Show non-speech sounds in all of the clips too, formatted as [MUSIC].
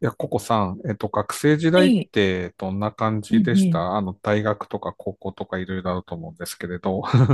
いや、ココさん、学生時は代っい。てどんな感うじでんしうん。た？大学とか高校とかいろいろあると思うんですけれど。[LAUGHS]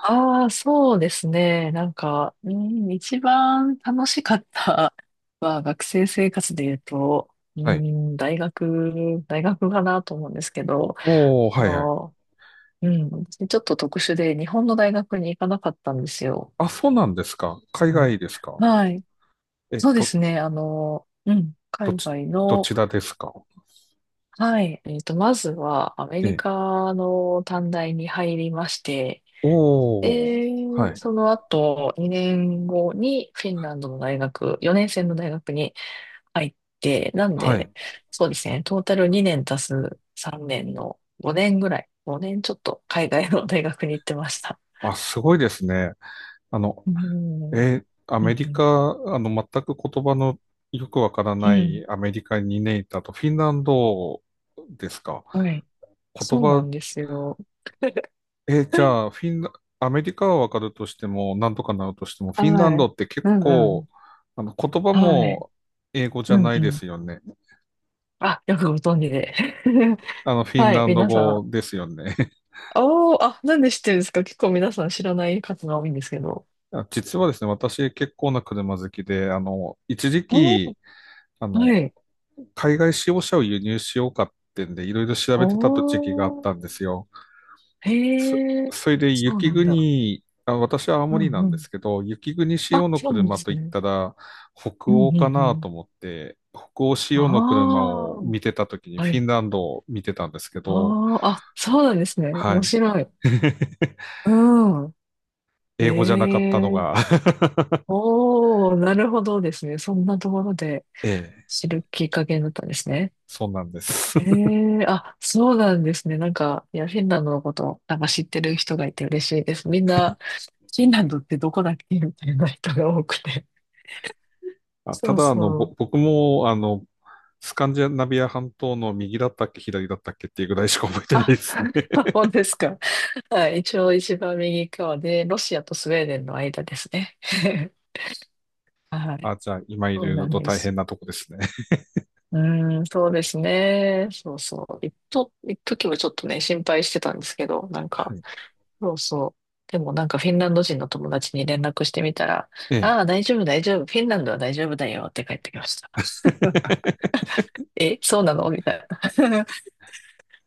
ああ、そうですね。なんか、うん、一番楽しかったは学生生活で言うと、うはい。ん、大学かなと思うんですけど、おー、あはいはい。の、うん、ちょっと特殊で日本の大学に行かなかったんですよ。あ、そうなんですか。う海ん外ですか。はい。え、そうでど、すね。あの、うん、ど海ち、外どの、ちらですか。はい。えっと、まずはアメリえ、カの短大に入りまして、おー、はい、その後、2年後にフィンランドの大学、4年生の大学に入って、なんはで、い。そうですね、トータル2年足す3年の5年ぐらい、5年ちょっと海外の大学に行ってました。あ、すごいですね。あの、うん、うアメん、うリカ、ん、全く言葉のよくわからうなんいアメリカににねんいたと、フィンランドですか。はい。言そうなん葉ですよ。えーじゃあ、[LAUGHS] フィンラ、アメリカはわかるとしても、なんとかなるとしても、フィンランはドい。って結うん、う構、ん。言葉はい。も英語じうゃん、なういでん。すよね。あ、よくご存知で。[LAUGHS] あの、フィンはい、ランド皆さ語ん。ですよね。おー、あ、なんで知ってるんですか？結構皆さん知らない方が多いんですけど。[LAUGHS] あ、実はですね、私結構な車好きで、あの、一時おー、期、あの、はい。海外使用車を輸入しようかってんで、いろいろ調おべてた時期があったー、んですよ。そ、へえ、それでそう雪なんだ。国、あ、私は青う森んなうんでん。すけど、雪国仕あ、様のそうなんで車すといっね。たら北うんう欧んうかなとん。思って、北欧仕様の車あを見てた時にあ、はフィい。ンランドを見てたんですけど、ああ、あ、そうなんですね。は面い。白い。うん。へ英語じゃなかったのえ、が [LAUGHS] おー、なるほどですね。そんなところでええ、知るきっかけになったんですね。そうなんです。へ [LAUGHS] え、あ、そうなんですね。なんか、いや、フィンランドのこと、なんか知ってる人がいて嬉しいです。みんな、フィンランドってどこだっけみたいな人が多くて。あ、たそうだ、あの、そう。僕も、あの、スカンジナビア半島の右だったっけ、左だったっけっていうぐらいしか覚えてないあ、ですね。[LAUGHS] [LAUGHS] 本当ですか？はい。一応一番右側で、ロシアとスウェーデンの間ですね。[LAUGHS] はあ、い。じゃあ、今いそろういなろんとで大変す。なとこですね。[LAUGHS] うーん、そうですね。そうそう。一と、一時はちょっとね、心配してたんですけど、なんはか、い。そうそう。でもなんかフィンランド人の友達に連絡してみたら、えああ、え。大丈夫、大丈夫。フィンランドは大丈夫だよって帰ってきました。[LAUGHS] [LAUGHS] え、そうなのみたいな。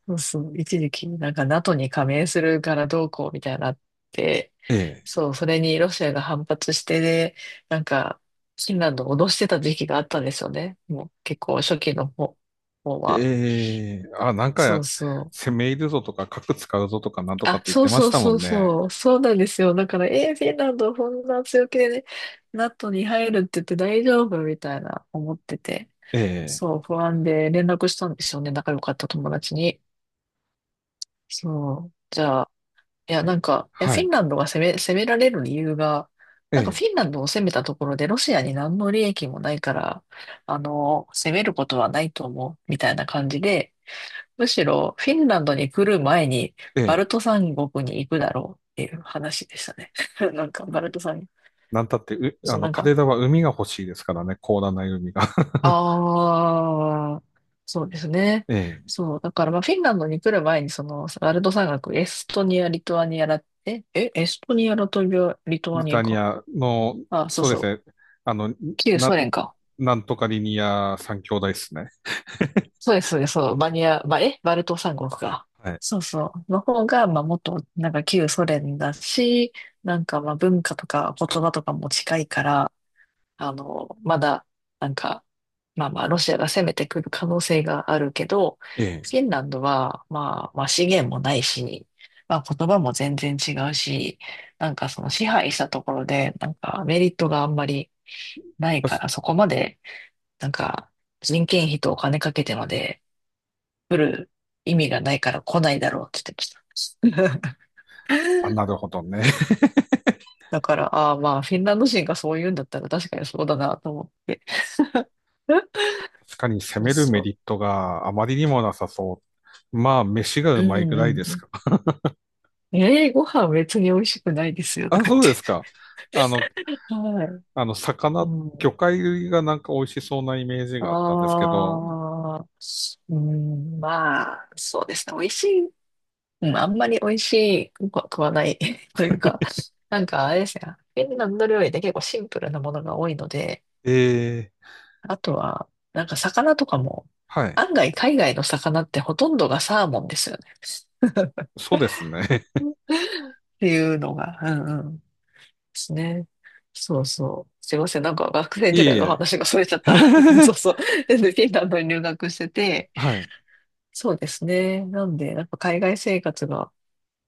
そうそう、一時期、なんか NATO に加盟するからどうこうみたいなのあって、ええ。そう、それにロシアが反発して、で、なんか、フィンランドを脅してた時期があったんですよね。もう結構初期の方、方は。ええ、あ、なんそか、うそう。攻め入るぞとか、核使うぞとか、なんとかっあ、て言っそてうまそしうたもそんうね。そう。そうなんですよ。だから、フィンランドこんな強気でね、NATO に入るって言って大丈夫みたいな思ってて。ええ、そう、不安で連絡したんですよね。仲良かった友達に。そう。じゃあ、いや、なんか、いや、はフィンい。ランドが攻め、攻められる理由が、なんかえフィンえ、ランドを攻めたところでロシアに何の利益もないから、あの、攻めることはないと思う、みたいな感じで、むしろフィンランドに来る前にバえルトえ、三国に行くだろうっていう話でしたね。[LAUGHS] なんか、バルト三、なんたって、う、あそう、の、なんカか、デラは海が欲しいですからね、広大ない海が。[LAUGHS] ああ、そうですね。ええ、そう、だから、まあ、フィンランドに来る前に、その、バルト三国、エストニア、リトアニアだって、え、エストニア、ラトビア、リトブアリニタアニか。アの、あ、そうそうでそう。すね、あの、旧な、ソ連か。なんとかリニア三兄弟ですね。[LAUGHS] そうです、そうです、そう。バニア、ばえ、バルト三国か。はい。そうそう。の方が、まあ、もっと、なんか旧ソ連だし、なんか、まあ、文化とか言葉とかも近いから、あの、まだ、なんか、まあまあ、ロシアが攻めてくる可能性があるけど、ええ、フィンランドは、まあ、まあ、資源もないし、まあ、言葉も全然違うし、なんかその支配したところで、なんかメリットがあんまりないたかしら、そこまで、なんか、人件費とお金かけてまで来る意味がないから来ないだろうって言ってました。あ、なる [LAUGHS] ほどね。[LAUGHS] だから、ああまあ、フィンランド人がそう言うんだったら確かにそうだなと思って。[LAUGHS] 確かに攻そうめるそメう。リットがあまりにもなさそう。まあ、飯がううまいぐんらいですうか。[LAUGHS] ん。ええー、ご飯別に美味しくないですよとあ、か言っそうでて。すか。あの、[LAUGHS] はい。あの、う魚ん。介類がなんか美味しそうなイメージあがあったんですけど、あ、うん、まあ、そうですね。美味しいうん、あんまり美味しくは食わない [LAUGHS] というか、なんかあれですね、フィンランド料理って結構シンプルなものが多いので、ええ、あとは、なんか魚とかも、はい。案外海外の魚ってほとんどがサーモンですよね。そうですね。っていうのが、うんうん、ですね。そうそう。すいません、なんか学 [LAUGHS] 生い時えい代のえ。話がそれちゃった。[LAUGHS] そうそう。で、フィンランドに留学してて、[LAUGHS] はい。そうですね。なんで、やっぱ海外生活が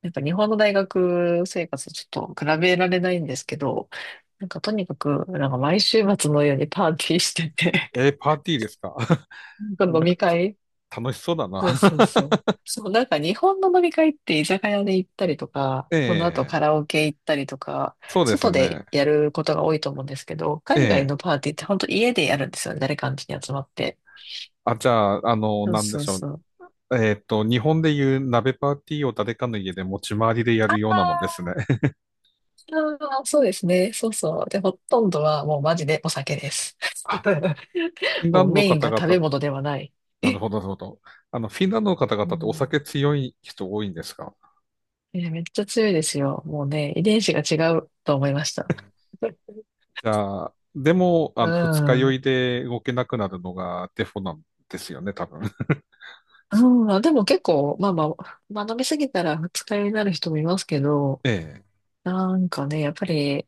やっぱ日本の大学生活とちょっと比べられないんですけど、なんかとにかく、なんか毎週末のようにパーティーしてて、えー、パーティーですか？ [LAUGHS] な [LAUGHS] んか飲なんか、み会楽しそうだな。そうそう [LAUGHS] そう。そう、なんか日本の飲み会って居酒屋で行ったりとか、えその後カえ、ラオケ行ったりとか、そうです外でね。やることが多いと思うんですけど、え海外のえ、パーティーって本当家でやるんですよね。誰かん家に集まって。あ、じゃあ、あの、そうなんでそうしょう。そう。えっと、日本でいう鍋パーティーを誰かの家で持ち回りでやるようなもんですね。あーそうですね。そうそう。で、ほとんどはもうマジでお酒です。[LAUGHS] あ、フィン [LAUGHS] ラもンうドのメイン方が食べ々、物ではない。なるえ、ほど、なるほど。あの、フィンランドの方う々っておん。酒強い人多いんですか？いやめっちゃ強いですよ。もうね、遺伝子が違うと思いました。じゃあ、でも、あうの、二日酔ん。いで動けなくなるのがデフォなんですよね、多分。[LAUGHS] うん、でも結構、まあまあ、まあ飲みすぎたら二日酔いになる人もいますけど、ええ。なんかね、やっぱり、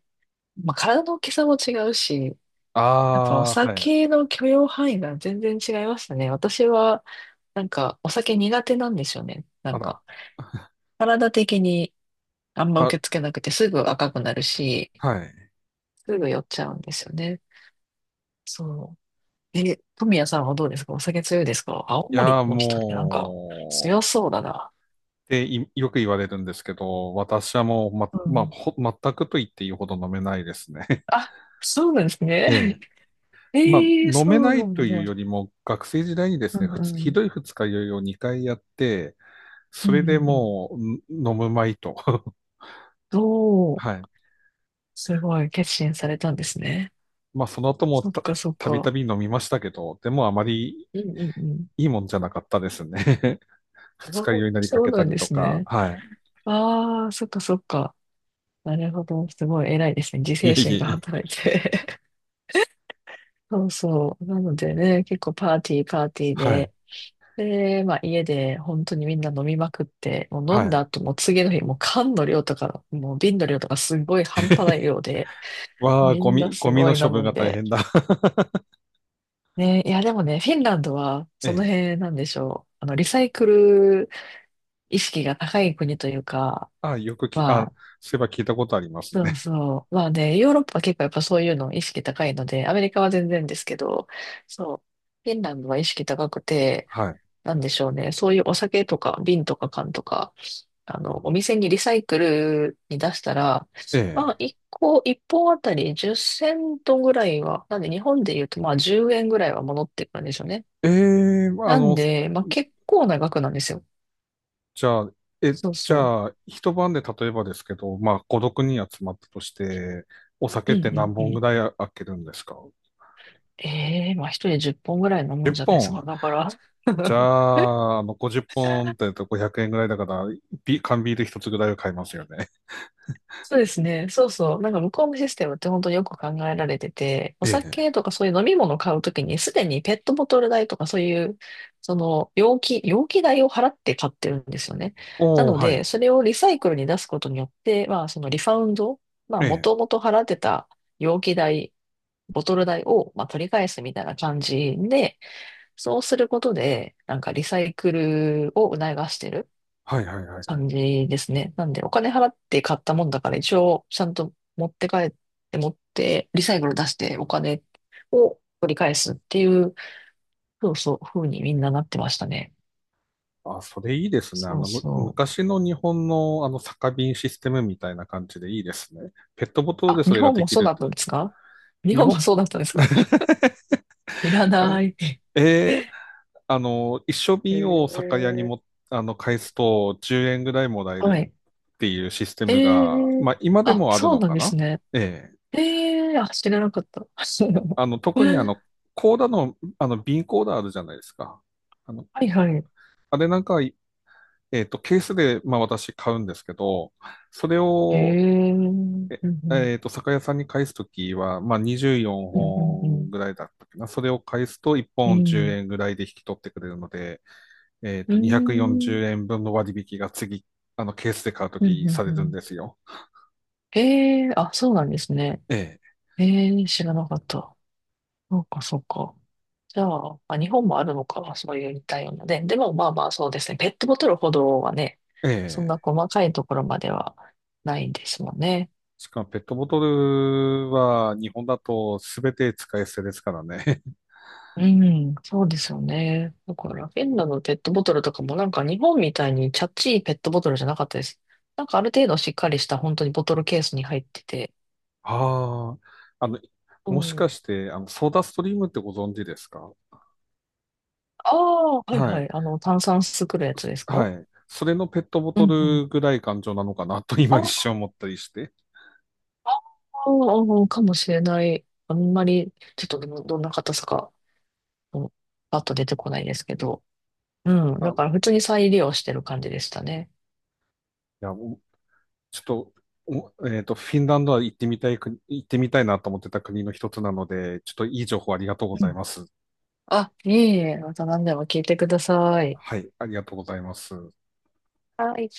まあ体の大きさも違うし、あやっぱおあ、はい。酒の許容範囲が全然違いましたね。私は、なんかお酒苦手なんですよね。なあんら。か、体的にあんまあ、受け付けなくてすぐ赤くなるし、はい。すぐ酔っちゃうんですよね。そう。え、富谷さんはどうですか？お酒強いですか？青いや森ー、の人ってなんかも強う、そうだな。っていよく言われるんですけど、私はもう、うまあ、ん。全くと言っていいほど飲めないですね。[LAUGHS] あ、そうなんですええ。ね。[LAUGHS] [LAUGHS] まあ、ええ飲そめなうないとんいうだ。よりも、学生時代にでうすね、んうひん。どい二日酔いを2回やって、うそんうれでんうん。もう、ん飲むまいと。[LAUGHS] どう、はい。すごい決心されたんですね。まあ、その後もそっかそったびたか。び飲みましたけど、でもあまりうんうんうん。いいもんじゃなかったですね。[LAUGHS] あ、二日酔いになりかそうけたなんりでとすか、ね。はああ、そっかそっか。なるほど。すごい偉いですね。自い、い制えい心えがいえ。働いて。[LAUGHS] そうそう。なのでね、結構パーティーパーティーはい、で、で、まあ家で本当にみんな飲みまくって、もうは飲んだい。後も次の日もう缶の量とか、もう瓶の量とかすごい半端ない [LAUGHS] 量で、わあ、みんなゴすミごのい飲処分むがん大で。変だ。ね、いやでもね、フィンランドは [LAUGHS] えそのえ。辺なんでしょう。あの、リサイクル意識が高い国というか、あ、よくき、まあ、あ、そういえば聞いたことありますそうね。そう。まあね、ヨーロッパは結構やっぱそういうの意識高いので、アメリカは全然ですけど、そう、フィンランドは意識高くて、はい。なんでしょうね、そういうお酒とか瓶とか缶とか、あの、お店にリサイクルに出したら、えまあ、1個、一本あたり10セントぐらいは、なんで日本で言うと、まあ、10円ぐらいは戻ってくるんでしょうね。え。ええ、あなんの、で、まあ、結構な額なんですよ。じゃあ、え、そうじそゃあ、一晩で例えばですけど、まあ、孤独にん集まったとして、お酒う。っうんてう何んう本ぐん。らい開けるんですか？ ええまあ、一人10本ぐらい飲むんじゃないで 10 すか。本。だから。じゃ [LAUGHS] あ、あの50本っぽんって500円ぐらいだから、ビ缶ビール一つぐらいは買いますよね。そうですね。そうそう。なんか向こうのシステムって本当によく考えられてて、おええ。酒とかそういう飲み物を買うときに、すでにペットボトル代とかそういう、その容器代を払って買ってるんですよね。なおー、のはで、い。それをリサイクルに出すことによって、まあそのリファウンド、まあえもとえ。もと払ってた容器代、ボトル代を、まあ、取り返すみたいな感じで、そうすることで、なんかリサイクルを促してる。はいはいはいはい。感じですね。なんで、お金払って買ったもんだから、一応、ちゃんと持って帰って、持って、リサイクル出して、お金を取り返すっていう、そうそう、風にみんななってましたね。あ、それいいですね。あそうの、む、そう。昔の日本のあの酒瓶システムみたいな感じでいいですね。ペットボトルあ、でそ日れが本でもきそうるだっって。たんですか日日本も本、そうだったんですか [LAUGHS] 知らうなん、い。ええ、へあの、一升瓶を酒え屋にも、あの、返すと10円ぐらいもらえはるい。っていうシステえムが、えまあ今であ、もあるそうのなんかですな？ね。ええ。ええあ、知らなかった。[LAUGHS] あの、特にあはの、コーダの、あの、瓶コーダあるじゃないですか。あの、いはい。あれなんかえっと、ケースで、まあ私買うんですけど、それを、えええ、えっと、酒屋さんに返すときは、まあ24うんうんうんうんう本ん。ぐらいだったっけな。それを返すと1う本10ん。円ぐらいで引き取ってくれるので、えっうと、ー240円ん。分の割引が次、あの、ケースで買うとうんきさうんうれるんん。ですよ。ええあ、そうなんですね。えええ知らなかった。そうか、そうか。じゃあ、まあ、日本もあるのか、そういう似たようなね。でも、まあまあ、そうですね。ペットボトルほどはね、え、えそんなえ。細かいところまではないですもんね。しかもペットボトルは日本だと全て使い捨てですからね。[LAUGHS] うん、そうですよね。だから、フィンランドのペットボトルとかもなんか日本みたいにチャッチいペットボトルじゃなかったです。なんかある程度しっかりした本当にボトルケースに入ってて、ああ、あの、うもしんかして、あの、ソーダストリームってご存知ですか？ああ、はいははい。い。あの、炭酸作るやつそ、ですはか？い。それのペットボうトんうん。ルぐらい感情なのかなと今一あ瞬思ったりして。あ、かもしれない。あんまり、ちょっとどどんな硬さか、うんパッと出てこないですけど。うん。あ、だからい普通に再利用してる感じでしたね。や、もうちょっと、えっと、フィンランドは行ってみたい国、行ってみたいなと思ってた国の一つなので、ちょっといい情報ありがとうごうざいん。ます。あ、いえいえ、また何でも聞いてください。はい、ありがとうございます。はい。